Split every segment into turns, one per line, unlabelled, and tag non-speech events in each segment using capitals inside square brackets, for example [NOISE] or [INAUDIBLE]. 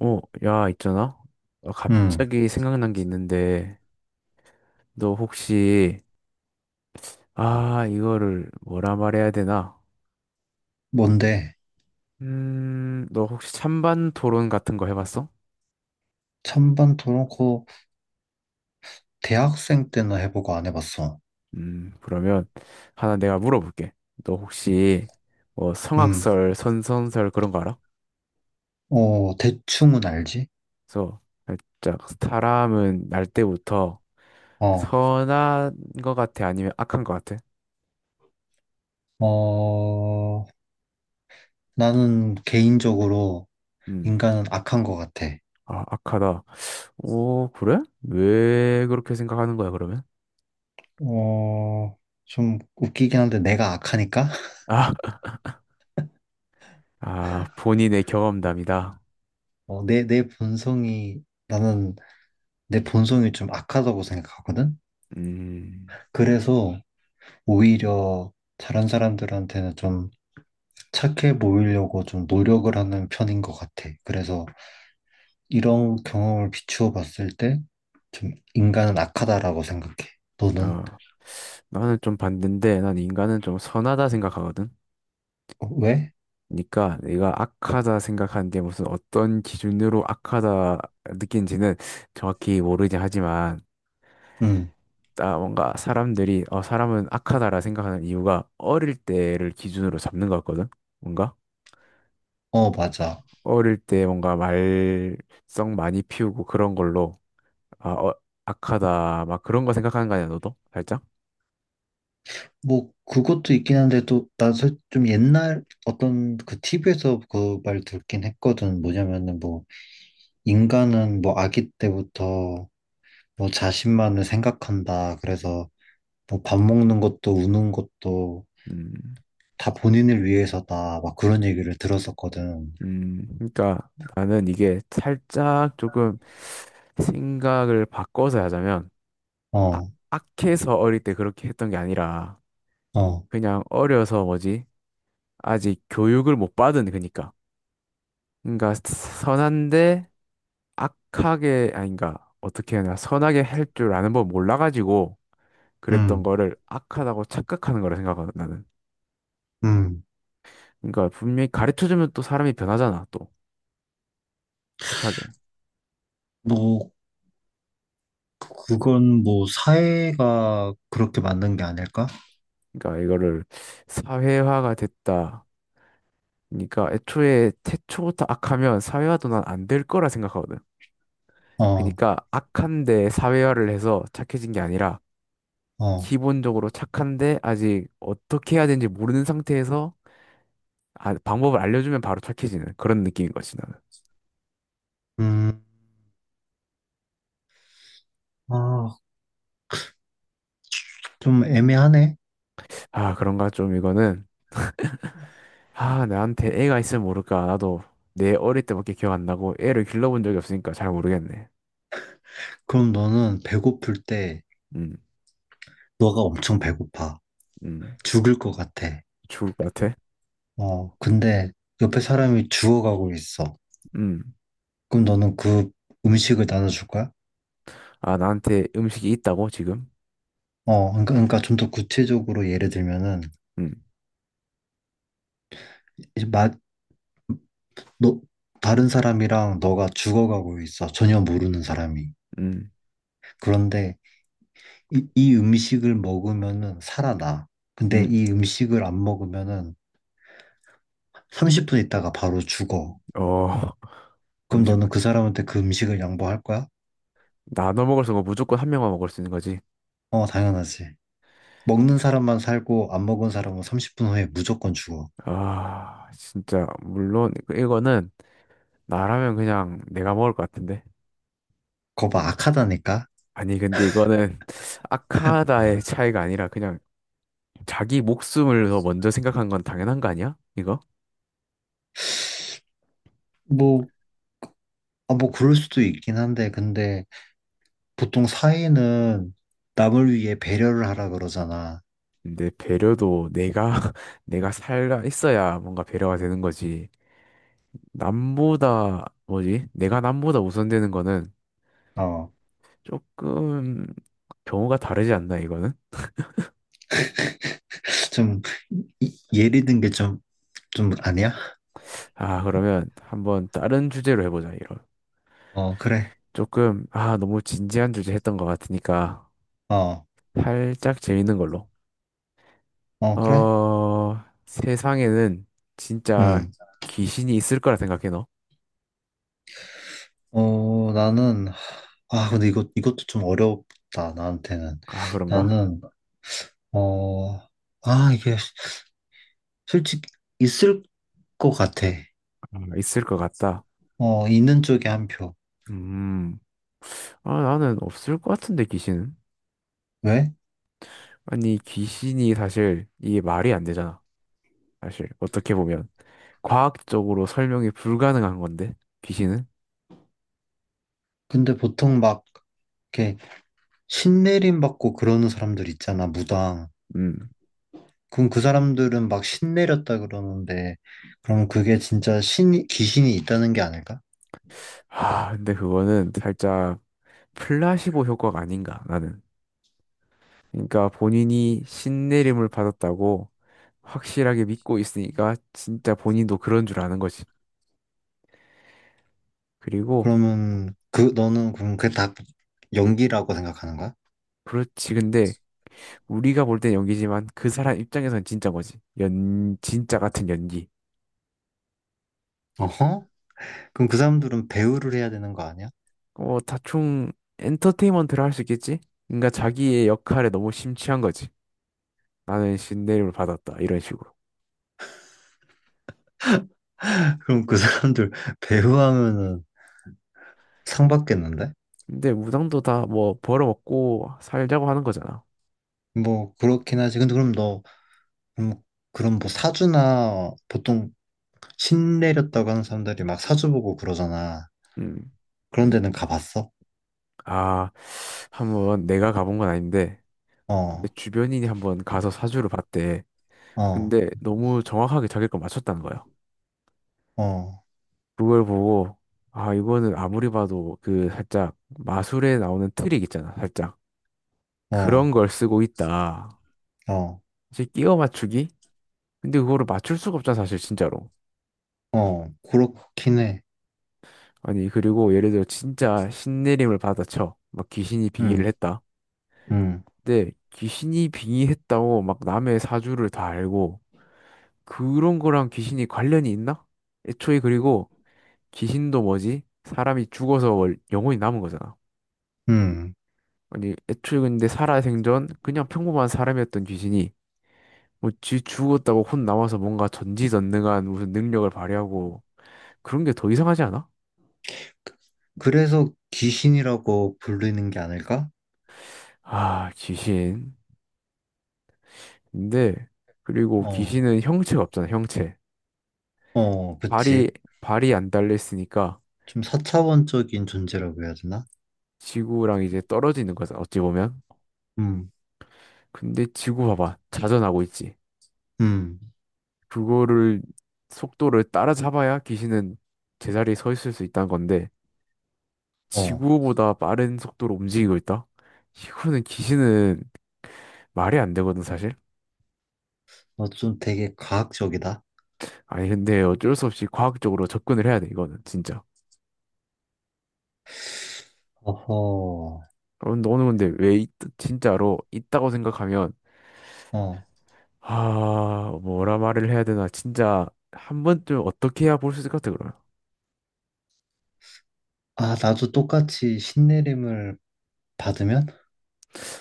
어, 야, 있잖아. 어,
음,
갑자기 생각난 게 있는데, 너 혹시, 아, 이거를 뭐라 말해야 되나?
뭔데?
너 혹시 찬반 토론 같은 거 해봤어?
찬반 토론 코 대학생 때는 해보고 안 해봤어.
그러면 하나 내가 물어볼게. 너 혹시 뭐
음,
성악설, 선선설 그런 거 알아?
대충은 알지?
그래서 살짝 사람은 날 때부터
어,
선한 거 같아? 아니면 악한 거 같아?
어, 나는 개인적으로
음,
인간은 악한 것 같아.
아, 악하다. 오, 그래? 왜 그렇게 생각하는 거야, 그러면?
어, 좀 웃기긴 한데 내가 악하니까? [LAUGHS]
아, 아, 본인의 경험담이다.
어, 내, 내 본성이, 나는 내 본성이 좀 악하다고 생각하거든?
음,
그래서 오히려 다른 사람들한테는 좀 착해 보이려고 좀 노력을 하는 편인 것 같아. 그래서 이런 경험을 비추어 봤을 때, 좀 인간은 악하다라고 생각해. 너는?
어, 나는 좀대인데 난 인간은 좀 선하다 생각하거든.
어, 왜?
그러니까 내가 악하다 생각하는 게 무슨 어떤 기준으로 악하다 느낀지는 정확히 모르긴 하지만,
응,
아, 뭔가 사람들이, 어, 사람은 악하다라 생각하는 이유가 어릴 때를 기준으로 잡는 것 같거든. 뭔가?
맞아.
어릴 때 뭔가 말썽 많이 피우고 그런 걸로 아, 어, 악하다. 막 그런 거 생각하는 거 아니야, 너도? 살짝?
뭐, 그것도 있긴 한데, 또, 난좀 옛날 어떤 그 TV에서 그 말 듣긴 했거든. 뭐냐면은 뭐, 인간은 뭐, 아기 때부터 뭐, 자신만을 생각한다. 그래서 뭐, 밥 먹는 것도 우는 것도
음,
다 본인을 위해서다. 막 그런 얘기를 들었었거든.
그러니까 나는 이게 살짝 조금 생각을 바꿔서 하자면, 아,
어,
악해서 어릴 때 그렇게 했던 게 아니라,
어,
그냥 어려서 뭐지? 아직 교육을 못 받은 그니까. 그러니까 선한데 악하게 아닌가 어떻게 해야 되나 선하게 할 줄 아는 법 몰라가지고 그랬던
음,
거를 악하다고 착각하는 거라 생각하거든 나는.
음.
그러니까 분명히 가르쳐주면 또 사람이 변하잖아 또 착하게.
뭐, 그건 뭐 사회가 그렇게 만든 게 아닐까?
그러니까 이거를 사회화가 됐다. 그러니까 애초에 태초부터 악하면 사회화도 난 안 될 거라 생각하거든.
어,
그러니까 악한데 사회화를 해서 착해진 게 아니라
어,
기본적으로 착한데 아직 어떻게 해야 되는지 모르는 상태에서 아, 방법을 알려주면 바로 착해지는 그런 느낌인 거지 나는.
음, 아, 좀 애매하네.
아 그런가 좀 이거는 아 나한테 애가 있으면 모를까 나도 내 어릴 때밖에 기억 안 나고 애를 길러본 적이 없으니까 잘 모르겠네.
그럼 너는 배고플 때,
음,
너가 엄청 배고파,
음,
죽을 것 같아.
죽을 것 같아.
어, 근데 옆에 사람이 죽어가고 있어.
음,
그럼 너는 그 음식을 나눠줄 거야?
아 나한테 음식이 있다고 지금?
어, 그러니까, 그러니까 좀 더 구체적으로 예를 들면은,
음,
이제 마, 너, 다른 사람이랑 너가 죽어가고 있어. 전혀 모르는 사람이.
음,
그런데 이 음식을 먹으면은 살아나. 근데
음,
이 음식을 안 먹으면은 30분 있다가 바로 죽어.
어, [LAUGHS]
그럼 너는
잠시만.
그 사람한테 그 음식을 양보할 거야?
나눠 먹을 수 없고 무조건 한 명만 먹을 수 있는 거지.
어, 당연하지. 먹는 사람만 살고 안 먹은 사람은 30분 후에 무조건 죽어.
아, 진짜 물론 이거는 나라면 그냥 내가 먹을 것 같은데.
그거 봐, 악하다니까?
아니, 근데 이거는 [LAUGHS] 아카다의 차이가 아니라 그냥 자기 목숨을 더 먼저 생각한 건 당연한 거 아니야? 이거?
뭐, 아, 뭐 그럴 수도 있긴 한데, 근데 보통 사회는 남을 위해 배려를 하라 그러잖아.
근데 배려도 내가, [LAUGHS] 내가 살아 있어야 뭔가 배려가 되는 거지. 남보다, 뭐지? 내가 남보다 우선되는 거는
어,
조금 경우가 다르지 않나, 이거는?
좀, 예리 든 게 좀 아니야?
아, 그러면 한번 다른 주제로 해보자, 이런.
어, 그래.
조금, 아, 너무 진지한 주제 했던 것 같으니까
어,
살짝 재밌는 걸로.
어, 그래?
어, 세상에는 진짜
응.
귀신이 있을 거라 생각해, 너?
어, 나는, 아, 근데 이것도 좀 어렵다, 나한테는.
아, 그런가?
나는, 어, 아, 이게 솔직히 있을 것 같아.
아, 있을 것 같다.
어, 있는 쪽에 한 표.
음, 아, 나는 없을 것 같은데, 귀신은?
왜?
아니, 귀신이 사실 이게 말이 안 되잖아. 사실, 어떻게 보면. 과학적으로 설명이 불가능한 건데, 귀신은?
근데 보통 막, 이렇게 신내림 받고 그러는 사람들 있잖아, 무당.
음.
그럼 그 사람들은 막 신내렸다 그러는데, 그럼 그게 진짜 귀신이 있다는 게 아닐까?
아, 근데 그거는 살짝 플라시보 효과가 아닌가, 나는. 그러니까 본인이 신내림을 받았다고 확실하게 믿고 있으니까 진짜 본인도 그런 줄 아는 거지. 그리고
그러면, 너는 그럼 그게 다 연기라고 생각하는 거야?
그렇지. 근데 우리가 볼 땐 연기지만 그 사람 입장에선 진짜 거지. 연 진짜 같은 연기.
어허? 그럼 그 사람들은 배우를 해야 되는 거 아니야?
어, 다충 엔터테인먼트를 할 수 있겠지? 그러니까 자기의 역할에 너무 심취한 거지. 나는 신내림을 받았다. 이런 식으로.
[LAUGHS] 그럼 그 사람들 [LAUGHS] 배우하면은 상 받겠는데?
근데 무당도 다 뭐 벌어먹고 살자고 하는 거잖아.
뭐 그렇긴 하지. 근데 그럼, 그럼 뭐 사주나 보통 신 내렸다고 하는 사람들이 막 사주 보고 그러잖아.
음.
그런 데는 가봤어?
아, 한번 내가 가본 건 아닌데 내
어,
주변인이 한번 가서 사주를 봤대.
어,
근데 너무 정확하게 자기 걸 맞췄다는 거예요.
어,
그걸 보고 아 이거는 아무리 봐도 그 살짝 마술에 나오는 트릭 있잖아. 살짝
어,
그런 걸 쓰고 있다.
어,
이제 끼워 맞추기? 근데 그거를 맞출 수가 없잖아 사실 진짜로.
어, 그렇긴 해.
아니 그리고 예를 들어 진짜 신내림을 받아쳐. 막 귀신이 빙의를
응,
했다.
응,
근데 귀신이 빙의했다고 막 남의 사주를 다 알고 그런 거랑 귀신이 관련이 있나? 애초에 그리고 귀신도 뭐지? 사람이 죽어서 월- 영혼이 남은 거잖아.
응.
아니, 애초에 근데 살아생전 그냥 평범한 사람이었던 귀신이 뭐 쥐 죽었다고 혼 남아서 뭔가 전지전능한 무슨 능력을 발휘하고 그런 게 더 이상하지 않아?
그래서 귀신이라고 부르는 게 아닐까?
아, 귀신. 근데 그리고
어,
귀신은 형체가 없잖아, 형체.
어,
발이
그치.
발이 안 달려 있으니까
좀 사차원적인 존재라고 해야 되나?
지구랑 이제 떨어지는 거잖아, 어찌 보면.
음,
근데 지구 봐봐. 자전하고 있지.
음,
그거를 속도를 따라잡아야 귀신은 제자리에 서 있을 수 있다는 건데
어,
지구보다 빠른 속도로 움직이고 있다? 이거는 기신은 말이 안 되거든, 사실.
어, 좀 되게 과학적이다.
아니, 근데 어쩔 수 없이 과학적으로 접근을 해야 돼, 이거는, 진짜.
어허,
어, 너는 근데 왜, 있- 진짜로 있다고 생각하면,
어,
아, 뭐라 말을 해야 되나, 진짜, 한 번쯤 어떻게 해야 볼 수 있을 것 같아, 그러면.
아, 나도 똑같이 신내림을 받으면?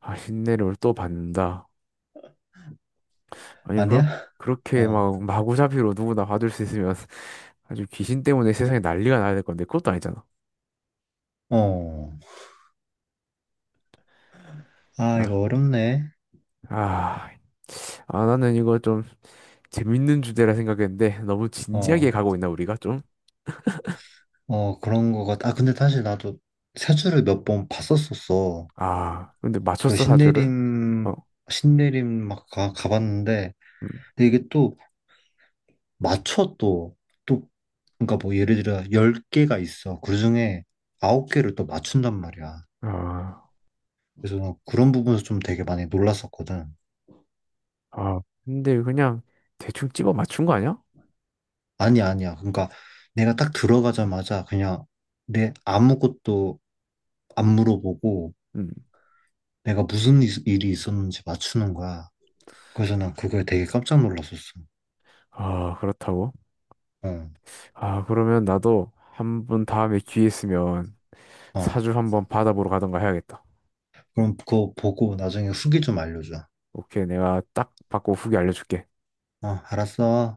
아, 흰내를 또 받는다. 아니, 그렇,
아니야? [LAUGHS]
그렇게
어,
막, 마구잡이로 누구나 봐줄 수 있으면, [LAUGHS] 아주 귀신 때문에 세상에 난리가 나야 될 건데, 그것도 아니잖아.
어, 아,
아,
이거 어렵네.
아, 아, 나는 이거 좀, 재밌는 주제라 생각했는데 너무
어,
진지하게 가고 있나 우리가 좀?
어, 그런 거 같아. 아, 근데 사실 나도 세주를 몇 번 봤었었어.
아, 근데
그
맞췄어 사주를?
신내림,
어,
신내림 막 가봤는데,
음.
근데 이게 또 맞춰 또, 그러니까 뭐 예를 들어 10개가 있어. 그 중에 9개를 또 맞춘단 말이야.
아,
그래서 난 그런 부분에서 좀 되게 많이 놀랐었거든.
아, 근데 그냥 대충 집어 맞춘 거 아니야?
아니, 야 아니야. 그러니까 내가 딱 들어가자마자 그냥 내 아무것도 안 물어보고
음.
내가 무슨 일이 있었는지 맞추는 거야. 그래서 난 그거에 되게 깜짝 놀랐었어.
아, 그렇다고?
어,
아, 그러면 나도 한번 다음에 기회 있으면
어.
사주 한번 받아보러 가던가 해야겠다.
그럼 그거 보고 나중에 후기 좀 알려줘.
오케이, 내가 딱 받고 후기 알려줄게.
어, 알았어.